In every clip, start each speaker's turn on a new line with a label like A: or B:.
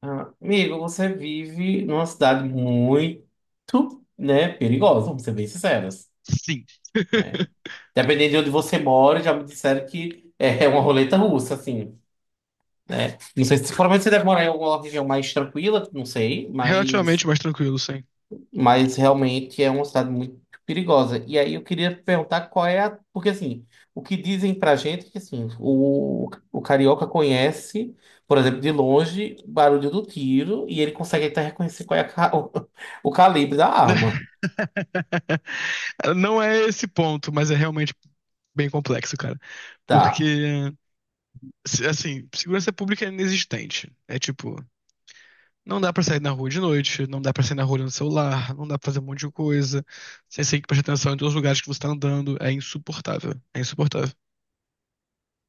A: Ah, Amigo, você vive numa cidade muito, né, perigosa, vamos ser bem sinceros,
B: Sim.
A: né? Dependendo de onde você mora, já me disseram que é uma roleta russa, assim, né? Não sei se provavelmente você deve morar em alguma região mais tranquila, não sei, mas
B: Relativamente mais tranquilo, sim.
A: Mas realmente é uma cidade muito perigosa. E aí eu queria perguntar qual é a. Porque assim, o que dizem pra gente é que assim, o carioca conhece, por exemplo, de longe, o barulho do tiro e ele consegue até reconhecer qual é a calibre da arma.
B: Não é esse ponto, mas é realmente bem complexo, cara.
A: Tá.
B: Porque, assim, segurança pública é inexistente. É tipo, não dá pra sair na rua de noite, não dá pra sair na rua no celular, não dá pra fazer um monte de coisa. Você tem que prestar atenção em todos os lugares que você tá andando. É insuportável. É insuportável.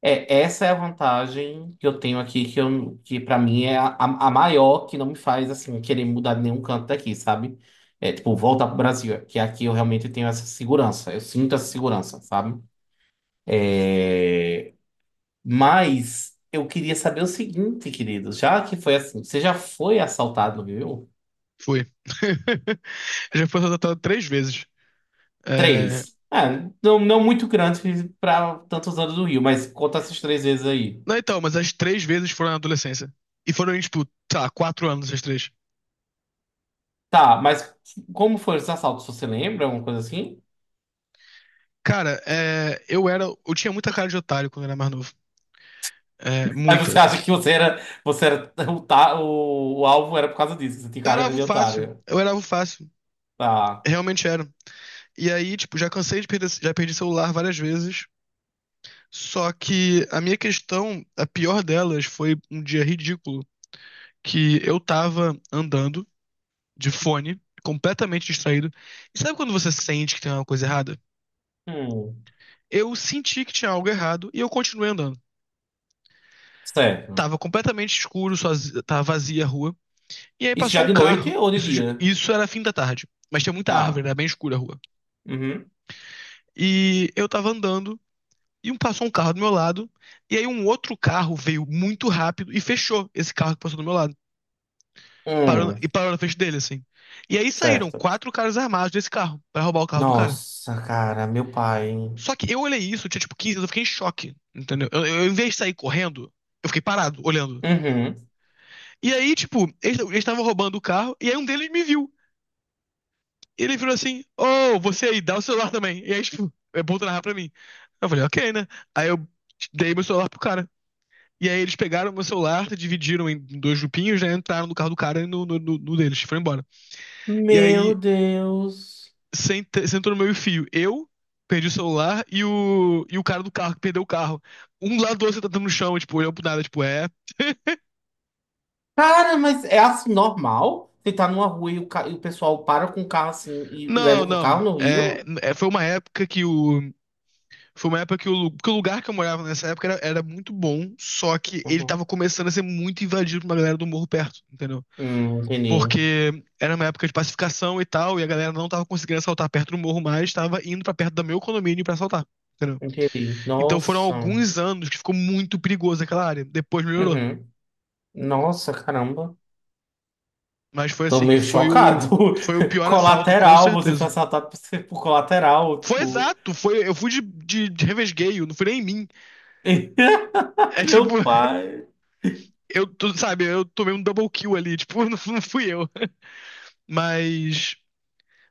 A: É, essa é a vantagem que eu tenho aqui, que, eu, que para mim é a maior, que não me faz assim querer mudar de nenhum canto daqui, sabe? É tipo, voltar pro Brasil, é, que aqui eu realmente tenho essa segurança, eu sinto essa segurança, sabe? Mas eu queria saber o seguinte, querido. Já que foi assim, você já foi assaltado no Rio?
B: Foi. Já foi assaltado três vezes. É,
A: Três. É, não, não muito grande para tantos anos do Rio, mas conta essas três vezes aí.
B: Não, então, mas as três vezes foram na adolescência. E foram, tipo, sei lá, 4 anos as três.
A: Tá, mas como foram os assaltos? Você lembra? Alguma coisa assim?
B: Cara, é, eu era. Eu tinha muita cara de otário quando eu era mais novo. É,
A: Aí
B: muita.
A: você acha que você era o alvo era por causa disso, que você tinha
B: Eu era
A: carreira
B: alvo
A: de
B: fácil.
A: otário.
B: Eu era alvo fácil.
A: Tá.
B: Realmente era. E aí, tipo, já cansei de perder. Já perdi celular várias vezes. Só que a minha questão, a pior delas, foi um dia ridículo que eu tava andando de fone, completamente distraído. E sabe quando você sente que tem alguma coisa errada?
A: Hum,
B: Eu senti que tinha algo errado e eu continuei andando.
A: certo.
B: Tava completamente escuro, sozinho, tava vazia a rua. E aí
A: Isso já
B: passou um
A: de noite
B: carro.
A: ou de
B: Isso, de-
A: dia?
B: isso era fim da tarde. Mas tinha muita árvore,
A: Tá.
B: era bem escura a rua.
A: Uhum.
B: E eu tava andando e passou um carro do meu lado. E aí um outro carro veio muito rápido e fechou esse carro que passou do meu lado. Parou, e
A: Hum,
B: parou na frente dele, assim. E aí saíram
A: certo.
B: quatro caras armados desse carro pra roubar o carro do cara.
A: Nossa, cara, meu pai.
B: Só que eu olhei isso, eu tinha tipo 15, eu fiquei em choque, entendeu? Eu, em vez de sair correndo, eu fiquei parado, olhando.
A: Uhum.
B: E aí, tipo, eles estavam roubando o carro, e aí um deles me viu. E ele virou assim: Oh, você aí, dá o celular também. E aí, tipo, é bom tu narrar pra mim. Eu falei: Ok, né? Aí eu dei meu celular pro cara. E aí eles pegaram meu celular, dividiram em dois grupinhos, né? Entraram no carro do cara e no deles, foram embora. E
A: Meu
B: aí
A: Deus.
B: sentou no meu fio. Eu perdi o celular e o cara do carro que perdeu o carro. Um do lado do outro sentado no chão, tipo, olhando pro nada, tipo, é.
A: Cara, mas é assim normal? Você tá numa rua e e o pessoal para com o carro assim e leva
B: Não,
A: o
B: não.
A: carro no
B: É,
A: rio?
B: é, foi uma época que o, Foi uma época que o, que o lugar que eu morava nessa época era muito bom, só que ele
A: Uhum.
B: tava começando a ser muito invadido por uma galera do morro perto, entendeu?
A: Entendi.
B: Porque era uma época de pacificação e tal, e a galera não tava conseguindo assaltar perto do morro mais, tava indo pra perto do meu condomínio pra assaltar, entendeu?
A: Entendi.
B: Então foram
A: Nossa.
B: alguns anos que ficou muito perigoso aquela área. Depois melhorou.
A: Uhum. Nossa, caramba.
B: Mas foi
A: Tô
B: assim,
A: meio chocado.
B: foi o pior assalto, com
A: Colateral, você foi
B: certeza.
A: assaltado por ser por colateral,
B: Foi
A: tipo.
B: exato, foi, eu fui de revesgueio, não fui nem em mim. É
A: Meu
B: tipo,
A: pai.
B: eu, tu, sabe, eu tomei um double kill ali, tipo, não, não fui eu. Mas,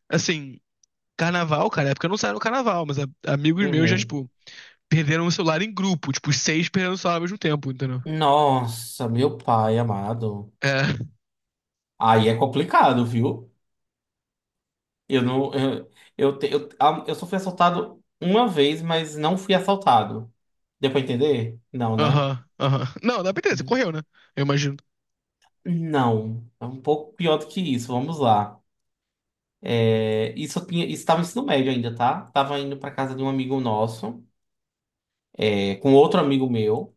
B: assim, carnaval, cara, é porque eu não saio no carnaval, mas amigos meus já,
A: Uhum.
B: tipo, perderam o celular em grupo, tipo, os seis perderam o celular ao mesmo tempo, entendeu?
A: Nossa, meu pai amado.
B: É,
A: Aí é complicado, viu? Eu não. Eu, te- eu, a- eu só fui assaltado uma vez, mas não fui assaltado. Deu pra entender? Não, né?
B: aham, aham. Não, dá pra entender, você correu, né? Eu imagino.
A: Não. É um pouco pior do que isso. Vamos lá. É, isso eu tinha, isso estava no ensino médio ainda, tá? Tava indo pra casa de um amigo nosso, é, com outro amigo meu.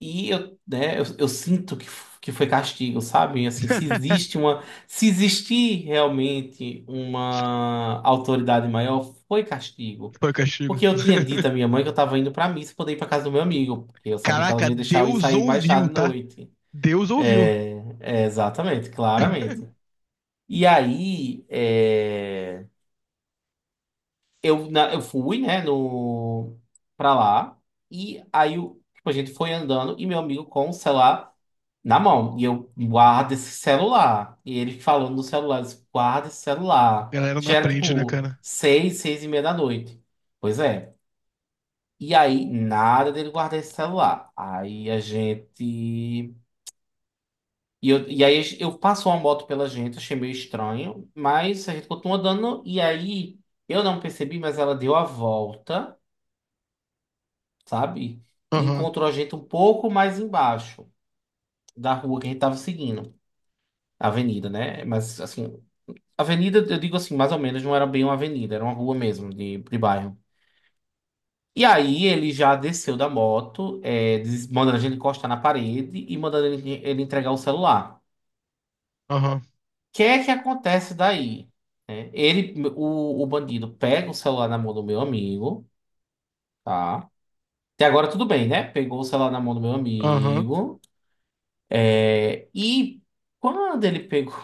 A: E eu, né, eu sinto que, que foi castigo, sabe? Assim, se existe uma, se existir realmente uma autoridade maior, foi castigo.
B: Foi castigo.
A: Porque eu tinha dito à minha mãe que eu estava indo para missa poder ir para casa do meu amigo, porque eu sabia que ela não
B: Caraca,
A: ia deixar eu ir
B: Deus
A: sair mais tarde
B: ouviu,
A: à
B: tá?
A: noite.
B: Deus ouviu.
A: É, exatamente, claramente. E aí, é, eu fui, né, no, pra lá, e aí tipo, a gente foi andando, e meu amigo com o celular na mão. E eu guardo esse celular. E ele falando no celular, eu disse, guarda esse celular.
B: Galera não
A: Já era
B: aprende, né,
A: tipo
B: cara?
A: seis, 6:30 da noite. Pois é. E aí, nada dele guardar esse celular. Aí a gente. E, eu, e aí eu passou uma moto pela gente, achei meio estranho, mas a gente continuou andando. E aí eu não percebi, mas ela deu a volta, sabe? E
B: Aham,
A: encontrou a gente um pouco mais embaixo da rua que a gente tava seguindo. A Avenida, né? Mas assim, Avenida, eu digo assim, mais ou menos, não era bem uma avenida, era uma rua mesmo, de bairro. E aí ele já desceu da moto, é, mandando a gente encostar na parede e mandando ele entregar o celular. O
B: aham,
A: que é que acontece daí? É, ele, o bandido pega o celular na mão do meu amigo, tá? Até agora tudo bem, né? Pegou o celular na mão do meu
B: aham.
A: amigo. É, e quando ele pegou.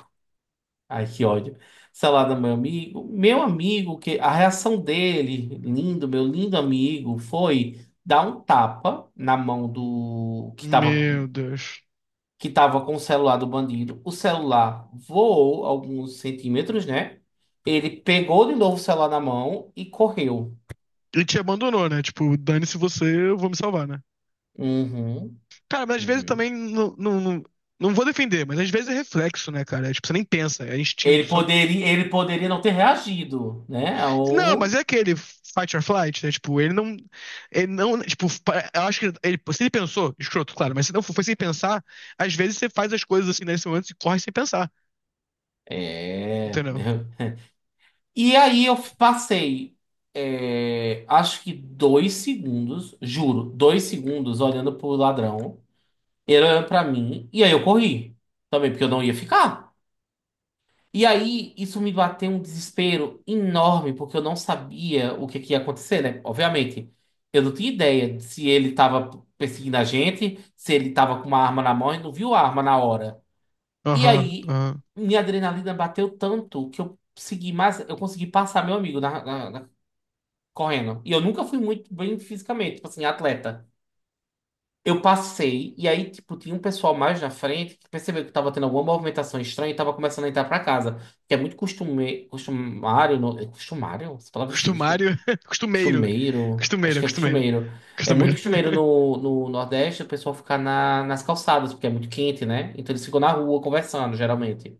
A: Ai, que ódio. Salada, meu amigo. Meu amigo, que a reação dele, lindo, meu lindo amigo, foi dar um tapa na mão do
B: Meu Deus.
A: que tava com o celular do bandido. O celular voou alguns centímetros, né? Ele pegou de novo o celular na mão e correu.
B: E te abandonou, né? Tipo, dane-se você, eu vou me salvar, né?
A: Uhum,
B: Cara, mas às vezes
A: uhum.
B: também não, não, não, não vou defender, mas às vezes é reflexo, né, cara? É, tipo, você nem pensa, é instinto só.
A: Ele poderia não ter reagido, né?
B: Não, mas é aquele fight or flight, né? Tipo, ele não. Ele não. Tipo, eu acho que ele, se ele pensou, escroto, claro, mas se não foi sem pensar, às vezes você faz as coisas assim nesse momento e corre sem pensar,
A: É.
B: entendeu?
A: E aí eu passei, é, acho que 2 segundos, juro, 2 segundos olhando pro ladrão, ele olhando pra mim, e aí eu corri também, porque eu não ia ficar. E aí isso me bateu um desespero enorme, porque eu não sabia que ia acontecer, né? Obviamente, eu não tinha ideia de se ele tava perseguindo a gente, se ele tava com uma arma na mão e não viu a arma na hora. E
B: Aham,
A: aí
B: aham.
A: minha adrenalina bateu tanto que eu consegui mais, eu consegui passar meu amigo na correndo. E eu nunca fui muito bem fisicamente, tipo assim, atleta. Eu passei, e aí, tipo, tinha um pessoal mais na frente que percebeu que tava tendo alguma movimentação estranha e tava começando a entrar pra casa. Que é muito costume... costumário. No... é Costumário? Essa palavra existe?
B: Costumário, costumeiro.
A: Costumeiro. Acho
B: Costumeiro,
A: que é
B: costumeiro.
A: costumeiro. É muito
B: Costumeiro.
A: costumeiro no Nordeste o pessoal ficar na... nas calçadas, porque é muito quente, né? Então eles ficam na rua conversando, geralmente.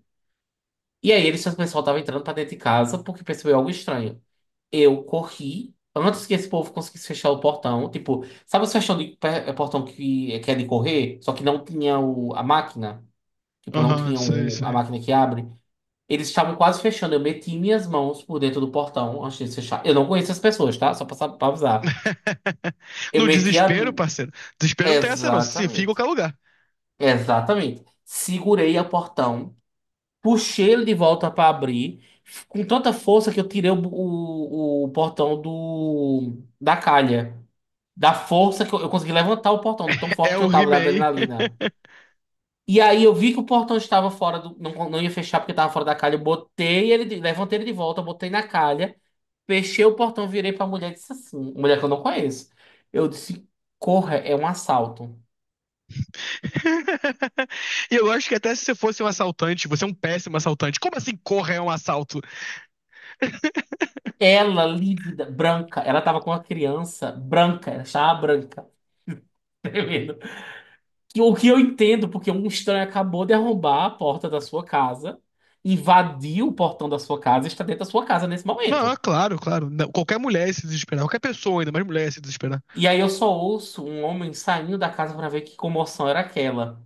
A: E aí, eles, o pessoal tava entrando pra dentro de casa porque percebeu algo estranho. Eu corri antes que esse povo conseguisse fechar o portão. Tipo, sabe o é portão que, é de correr? Só que não tinha a máquina. Tipo, não
B: Aham,
A: tinha
B: sei,
A: a
B: sei.
A: máquina que abre. Eles estavam quase fechando. Eu meti minhas mãos por dentro do portão antes de fechar. Eu não conheço as pessoas, tá? Só pra, pra avisar. Eu
B: No
A: meti a.
B: desespero, parceiro. Desespero não tem essa, não. Você se enfia em
A: Exatamente.
B: qualquer lugar.
A: Exatamente. Segurei o portão, puxei ele de volta pra abrir, com tanta força que eu tirei o portão da calha. Da força que eu consegui levantar o portão, tão
B: É
A: forte que
B: o
A: eu tava da
B: He-Man.
A: adrenalina. E aí eu vi que o portão estava fora do. Não, não ia fechar porque estava fora da calha. Eu botei ele, levantei ele de volta, botei na calha, fechei o portão, virei pra mulher e disse assim: mulher que eu não conheço. Eu disse: corra, é um assalto.
B: E eu acho que até se você fosse um assaltante, você é um péssimo assaltante. Como assim corra é um assalto?
A: Ela, lívida, branca, ela tava com uma criança branca, ela estava branca, tremendo. O que eu entendo, porque um estranho acabou de arrombar a porta da sua casa, invadiu o portão da sua casa e está dentro da sua casa nesse
B: Não, é
A: momento.
B: claro, claro. Não, qualquer mulher ia se desesperar. Qualquer pessoa, ainda mais mulher, ia se desesperar.
A: E aí eu só ouço um homem saindo da casa pra ver que comoção era aquela,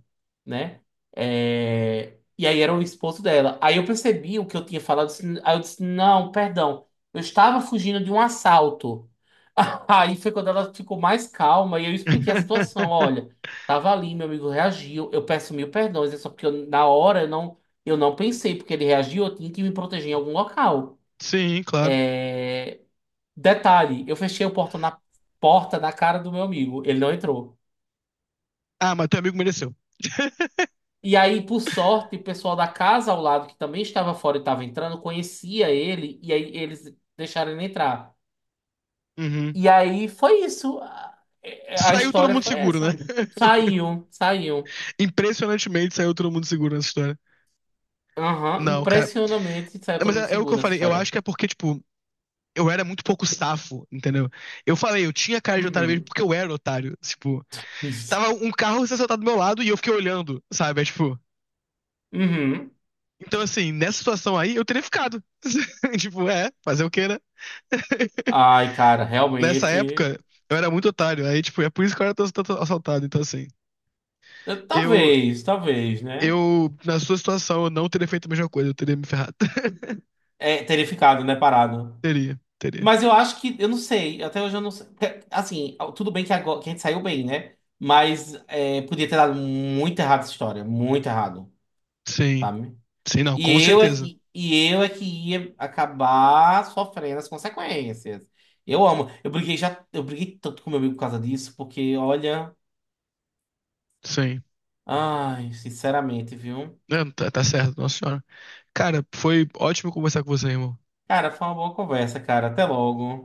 A: né? É, e aí era o esposo dela. Aí eu percebi o que eu tinha falado, assim, aí eu disse, não, perdão, eu estava fugindo de um assalto. Aí foi quando ela ficou mais calma e eu expliquei a situação. Olha, tava ali, meu amigo reagiu, eu peço mil perdões, é só porque na hora eu não pensei, porque ele reagiu, eu tinha que me proteger em algum local.
B: Sim, claro.
A: Detalhe, eu fechei a porta na cara do meu amigo, ele não entrou.
B: Ah, mas teu amigo mereceu.
A: E aí, por sorte, o pessoal da casa ao lado, que também estava fora e estava entrando, conhecia ele, e aí eles deixaram ele entrar.
B: Uhum.
A: E aí foi isso. A
B: Saiu todo
A: história
B: mundo
A: foi
B: seguro, né?
A: essa. Saiu, saiu.
B: Impressionantemente saiu todo mundo seguro nessa história.
A: Aham,
B: Não, cara.
A: impressionantemente saiu
B: Não, mas
A: todo mundo
B: é, é o que
A: seguro
B: eu
A: nessa
B: falei. Eu
A: história.
B: acho que é porque, tipo, eu era muito pouco safo, entendeu? Eu falei, eu tinha cara de otário mesmo
A: Uhum.
B: porque eu era otário. Tipo,
A: Isso.
B: tava um carro se assaltar do meu lado e eu fiquei olhando, sabe? É, tipo.
A: Uhum.
B: Então, assim, nessa situação aí, eu teria ficado. Tipo, é, fazer o quê, né?
A: Ai, cara,
B: Nessa
A: realmente.
B: época, eu era muito otário. Aí, tipo, é por isso que eu era tanto assaltado. Então, assim, eu,
A: Talvez, talvez, né?
B: eu, na sua situação, eu não teria feito a mesma coisa. Eu teria me ferrado.
A: É, teria ficado, né, parado.
B: Teria, teria.
A: Mas eu acho que, eu não sei, até hoje eu não sei. Assim, tudo bem que, agora, que a gente saiu bem, né? Mas é, podia ter dado muito errado essa história, muito errado,
B: Sim.
A: sabe?
B: Sim, não, com
A: E eu é
B: certeza.
A: que, e eu é que ia acabar sofrendo as consequências. Eu amo. Eu briguei já, eu briguei tanto com meu amigo por causa disso, porque olha,
B: Sim.
A: ai, sinceramente, viu?
B: Não, tá, tá certo, nossa senhora. Cara, foi ótimo conversar com você, irmão.
A: Cara, foi uma boa conversa, cara. Até logo.